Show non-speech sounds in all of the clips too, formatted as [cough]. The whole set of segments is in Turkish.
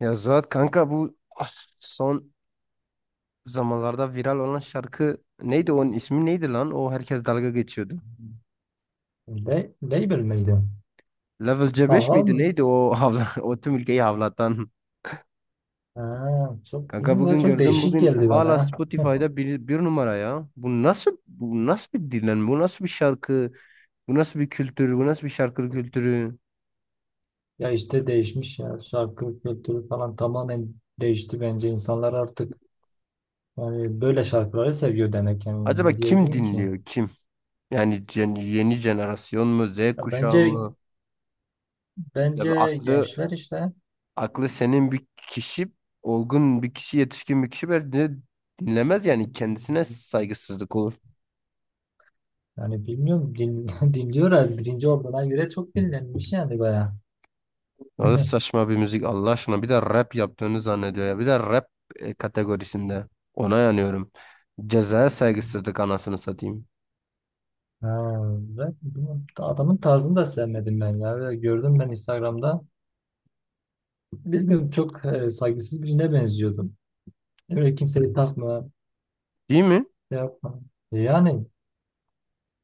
Ya Zuhat kanka son zamanlarda viral olan şarkı neydi, onun ismi neydi lan? O herkes dalga geçiyordu. Le label miydi? Level C5 miydi Tamam. neydi o havla [laughs] o tüm ülkeyi havlatan. Ha, çok Kanka bilmiyorum, bugün çok gördüm, değişik bugün geldi bana hala ya. [laughs] Spotify'da bir numara ya. Bu nasıl bir dinlenme? Bu nasıl bir şarkı? Bu nasıl bir kültür? Bu nasıl bir şarkı kültürü? Ya işte değişmiş ya. Şarkı kültürü falan tamamen değişti bence. İnsanlar artık yani böyle şarkıları seviyor demek yani. Acaba Ne kim diyebilirim ki? dinliyor, kim? Yani yeni jenerasyon mu? Z Ya kuşağı bence mı? Ya bir bence aklı gençler işte aklı senin bir kişi, olgun bir kişi, yetişkin bir kişi bence dinlemez, yani kendisine saygısızlık olur. yani bilmiyorum [laughs] dinliyorlar. Birinci olduğuna göre çok dinlenmiş yani baya. Nasıl [laughs] saçma bir müzik Allah aşkına, bir de rap yaptığını zannediyor ya. Bir de rap kategorisinde. Ona yanıyorum. Cezaya saygısızlık, anasını satayım. Ha, ve bilmiyorum, adamın tarzını da sevmedim ben ya. Ve gördüm ben Instagram'da. Bilmiyorum çok saygısız birine benziyordum. Öyle kimseyi takma, Değil mi? şey yapma. Yani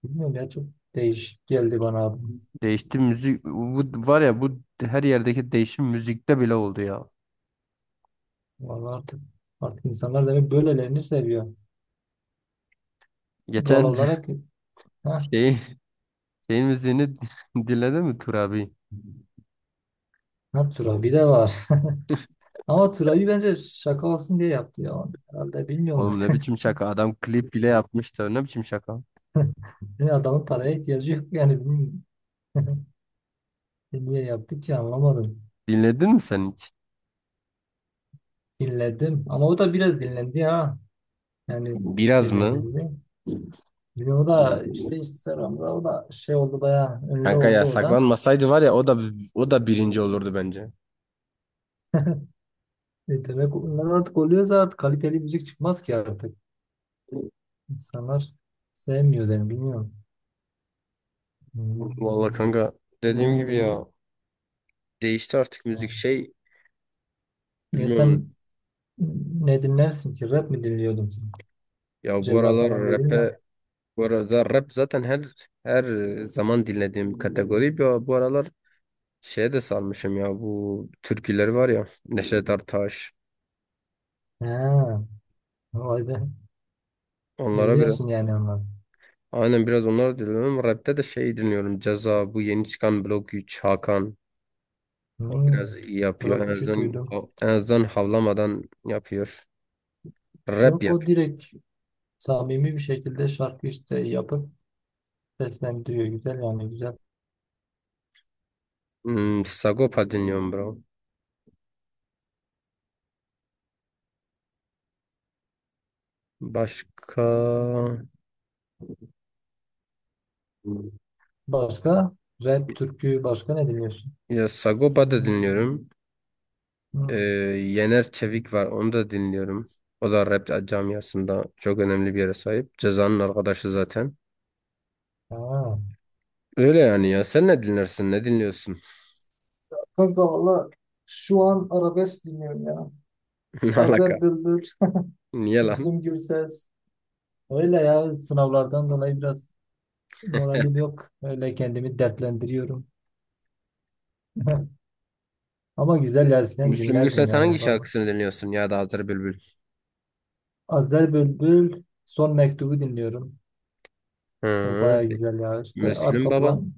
bilmiyorum ya çok değişik geldi bana abi. Değişti müzik. Bu var ya, bu her yerdeki değişim müzikte bile oldu ya. Vallahi artık insanlar demek böylelerini seviyor. Doğal Geçen olarak [laughs] ha, şeyi şeyin müziğini [laughs] dinledin mi Tur abi? ha Turabi de var. [laughs] Ama Turabi bence şaka olsun diye yaptı ya onu. Herhalde bilmiyorum Oğlum, artık. ne [laughs] biçim şaka. Adam klip bile yapmıştı. Ne biçim şaka. Yani adamın paraya ihtiyacı yok yani. Bilmiyorum. Niye yaptı ki anlamadım. Dinledin mi sen hiç? Dinledim ama o da biraz dinlendi ha. Yani Biraz mı? dinlemedi. Bir o da işte Instagram'da o da şey oldu bayağı ünlü Kanka ya, oldu o da. saklanmasaydı var ya, o da birinci olurdu bence. E demek onlar artık oluyoruz artık kaliteli müzik çıkmaz ki artık. İnsanlar sevmiyor yani bilmiyorum. Vallahi Hmm. kanka, dediğim gibi ya, değişti artık müzik, şey Ya bilmiyorum sen ne dinlersin ki? Rap mi dinliyordun sen? ya, bu Ceza aralar falan dedim rap'e, ya. bu aralar rap zaten her zaman dinlediğim kategori ya. Bu aralar şeye de sarmışım ya, bu türküleri var ya, Neşet Ertaş, Ha, vay be. onlara Dinliyorsun biraz, yani onları. aynen, biraz onlara dinliyorum. Rap'te de şey dinliyorum, Ceza, bu yeni çıkan Blok 3, Hakan. O Hmm. biraz iyi yapıyor. En Blok 3'ü azından, duydum. en azından havlamadan yapıyor. Rap Yok, yap. o direkt samimi bir şekilde şarkı işte yapıp seslendiriyor. Güzel yani güzel. Sagopa dinliyorum bro. Başka... Hmm, Başka? Rap, türkü, başka ne dinliyorsun? ya Sagopa da dinliyorum. Ee, Hmm. Yener Çevik var. Onu da dinliyorum. O da rap camiasında çok önemli bir yere sahip. Ceza'nın arkadaşı zaten. Ha. Öyle yani ya. Sen ne dinlersin? Ne dinliyorsun? Kanka valla şu an arabesk dinliyorum ya. [laughs] Ne alaka? Azer Bülbül, [laughs] Niye lan? Müslüm Gürses. Öyle ya, sınavlardan dolayı biraz moralim yok. Öyle kendimi dertlendiriyorum. [laughs] Ama güzel ya Müslüm dinlerdim Gürses hangi yani. Şarkısını dinliyorsun, ya da Hazır Bülbül? Azer Bülbül Son Mektubu dinliyorum. O Hı, baya güzel ya. İşte Müslüm arka baba. plan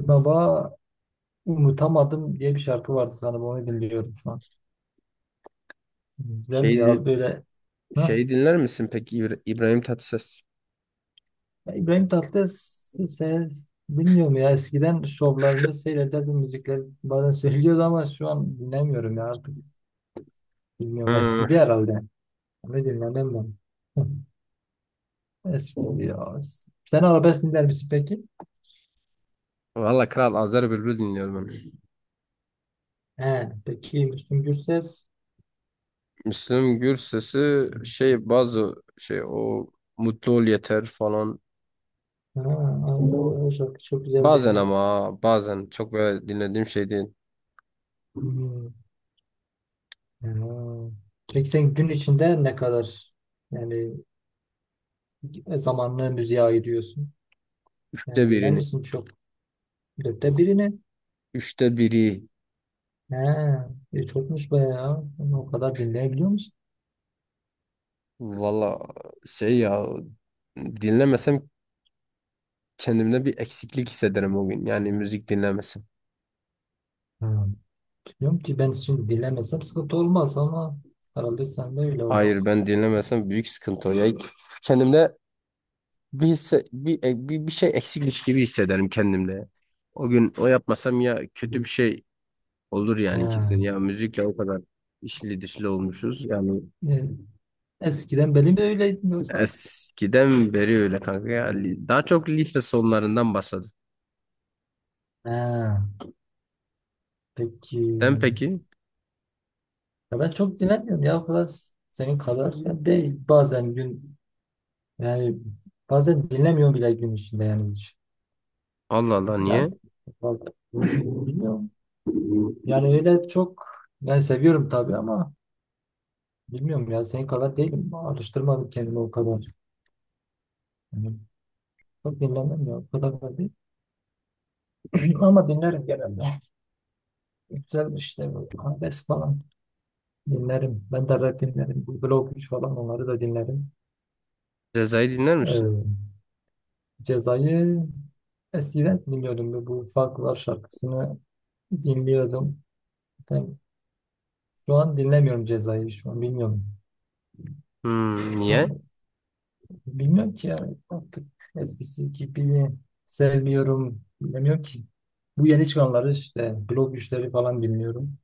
baba unutamadım diye bir şarkı vardı sanırım, onu dinliyorum şu an. Güzeldi Şey ya din- böyle. Heh. Şeyi dinler misin peki, İbrahim Tatlıses? Ya İbrahim Tatlıses bilmiyorum ya, eskiden şovlarını seyrederdim, müzikleri bazen [laughs] söylüyordu, ama şu an dinlemiyorum ya artık, bilmiyorum, eskidi Ha, herhalde. Ne dinlemem ben. [laughs] Eskidi ya. Sen arabesk dinler misin peki? valla Kral Azer Bülbül dinliyorum ben. He, peki Müslüm Gürses, Müslüm Gürses'i şey, bazı şey, o Mutlu Ol Yeter falan. ha, ay, o şarkı çok güzeldi Bazen ama, evet. bazen çok böyle dinlediğim şey değil. Hmm. Ha. Peki sen gün içinde ne kadar yani zamanını müziğe ayırıyorsun, Üçte yani dinler birini. misin çok, dörtte birini? Üçte biri. He, e, çokmuş bayağı. Ama o kadar dinleyebiliyor musun? Valla şey ya, dinlemesem kendimde bir eksiklik hissederim o gün. Yani müzik dinlemesem. Ha, biliyorum ki ben şimdi dinlemesem sıkıntı olmaz ama herhalde sen de öyle Hayır, olmuş. ben dinlemesem büyük sıkıntı. O. Ya kendimde bir, hisse- bir, e, bir, bir şey eksikmiş gibi hissederim kendimde. O gün o yapmasam, ya kötü bir şey olur yani kesin. Ya He. müzikle o kadar işli dişli olmuşuz. Yani E, eskiden benim de öyleydim yoksa. eskiden beri öyle kanka ya. Daha çok lise sonlarından başladı. He, peki. Sen peki? Ya ben çok dinlemiyorum ya, o kadar senin kadar ya değil. Bazen gün, yani bazen dinlemiyorum bile gün içinde yani hiç. Allah Allah, niye? Yani vallahi bilmiyorum. Yani öyle çok, ben seviyorum tabii ama bilmiyorum ya, senin kadar değilim. Alıştırmadım kendimi o kadar. Yani çok dinlemem ya, o kadar da değil. [clears throat] Ama dinlerim genelde. Güzel işte bu arabesk falan dinlerim. Ben de rap dinlerim. Bu Blok 3 falan, onları da dinlerim. Ceza'yı dinler Ee, misin? Ceza'yı eskiden dinliyordum. Bu Farklılar şarkısını dinliyordum. Ben şu an dinlemiyorum Ceza'yı. Şu an bilmiyorum. Hmm, Şu niye? an bilmiyorum ki, yani artık eskisi gibi sevmiyorum. Bilmiyorum ki. Bu yeni çıkanları işte Blok 3'leri falan dinliyorum.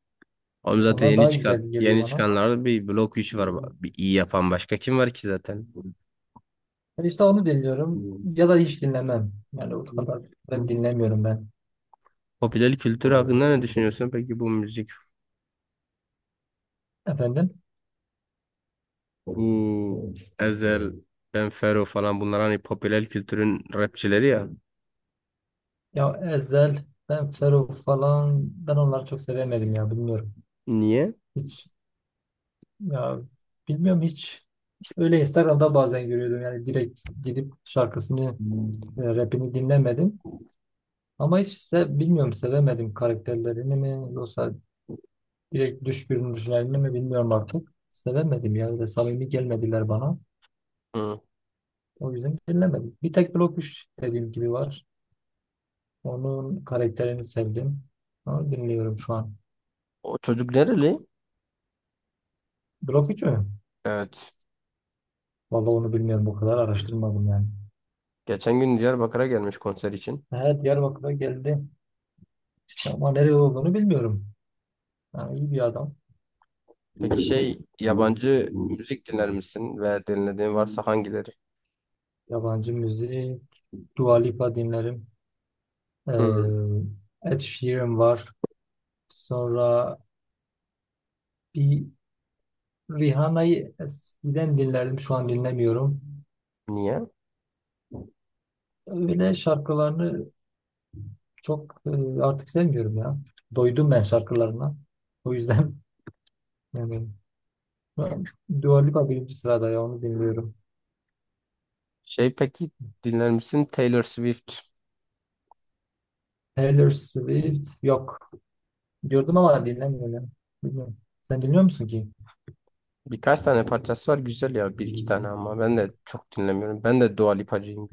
Oğlum zaten Onlar yeni daha güzel çıkan, geliyor yeni bana. çıkanlarda bir blok 3 var. Bir iyi yapan başka kim var ki zaten? Yani İşte onu dinliyorum ya da hiç dinlemem. Yani o kadar da dinlemiyorum ben. Popüler kültür hakkında ne düşünüyorsun peki, bu müzik, Efendim? bu Ezel, Ben Fero falan, bunlar hani popüler kültürün rapçileri ya. Ya Ezhel, ben Ferruh falan, ben onları çok sevemedim ya, bilmiyorum. Niye? Hiç ya, bilmiyorum, hiç. Öyle Instagram'da bazen görüyordum, yani direkt gidip şarkısını, rapini dinlemedim. Ama hiç bilmiyorum, sevemedim karakterlerini mi yoksa direkt dış görünüşlerini mi, bilmiyorum artık. Sevemedim ya, ve samimi gelmediler bana. Hı. O yüzden dinlemedim. Bir tek Blok 3 dediğim gibi var. Onun karakterini sevdim. Ama bilmiyorum şu an. O çocuk nereli? Blok 3 mü? Evet. Vallahi onu bilmiyorum. O kadar araştırmadım yani. Geçen gün Diyarbakır'a gelmiş konser için. Evet, Diyarbakır'a geldi. Ama nereye olduğunu bilmiyorum. Yani iyi bir adam. Peki şey, yabancı müzik dinler misin, ve dinlediğin varsa hangileri? Yabancı müziği, Dua Lipa dinlerim. Hı. Ed Sheeran var. Sonra bir Rihanna'yı eskiden dinlerdim. Şu an dinlemiyorum. Niye? Öyle şarkılarını çok artık sevmiyorum ya. Doydum ben şarkılarına. O yüzden [laughs] yani ben Dua Lipa birinci sırada ya, onu dinliyorum. Şey peki, dinler misin Taylor Swift? Taylor Swift yok. Diyordum ama dinlemiyorum. Bilmiyorum. Sen dinliyor musun ki? Birkaç tane parçası var güzel ya, bir iki tane, ama ben de çok dinlemiyorum. Ben de Dua Lipacıyım.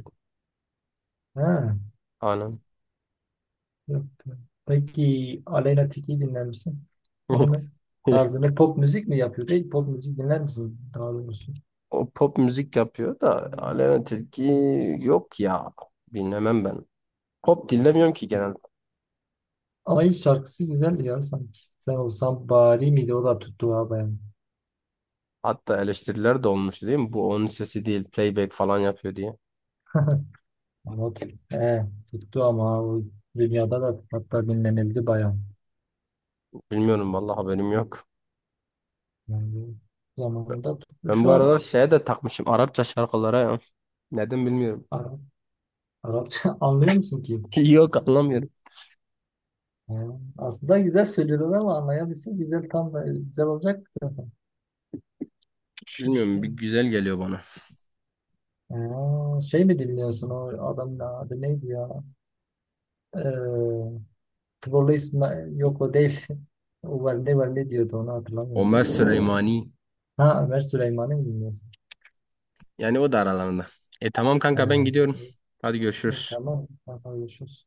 Ha, Anam. yok. Peki Aleyna Tilki'yi dinler misin? Onun [laughs] tarzını, pop müzik mi yapıyor? Değil, pop müzik dinler misin, daha doğrusu? O pop müzik yapıyor da, Aleyna Tilki yok ya. Dinlemem ben. Pop dinlemiyorum ki genel. Ama ilk şarkısı güzeldi ya sanki. Sen Olsan Bari miydi? O da tuttu ha bayağı. Hatta eleştiriler de olmuş değil mi? Bu onun sesi değil, playback falan yapıyor diye. Ama o, he, tuttu ama o dünyada da hatta dinlenildi bayağı. Bilmiyorum vallahi, haberim yok. Yani zamanında tuttu. Ben bu Şu aralar şeye de takmışım, Arapça şarkılara ya. Neden bilmiyorum. an Arapça [laughs] anlıyor musun ki? [laughs] Yok, anlamıyorum. Ha, aslında güzel söylüyorlar ama anlayabilsin güzel, tam da güzel olacak zaten. İşte. Bilmiyorum, bir güzel geliyor bana. Ha, şey mi dinliyorsun, o adamın adı neydi ya? Ee, Tıbolu İsmail, yok o değil. [laughs] O var, ne var, ne diyordu, onu Ömer hatırlamıyorum. Süleymani. Ha, Ömer Süleyman'ı mı dinliyorsun? Yani o da aralarında. E tamam Ha, kanka, ben gidiyorum. e, Hadi görüşürüz. tamam. Tamam, görüşürüz.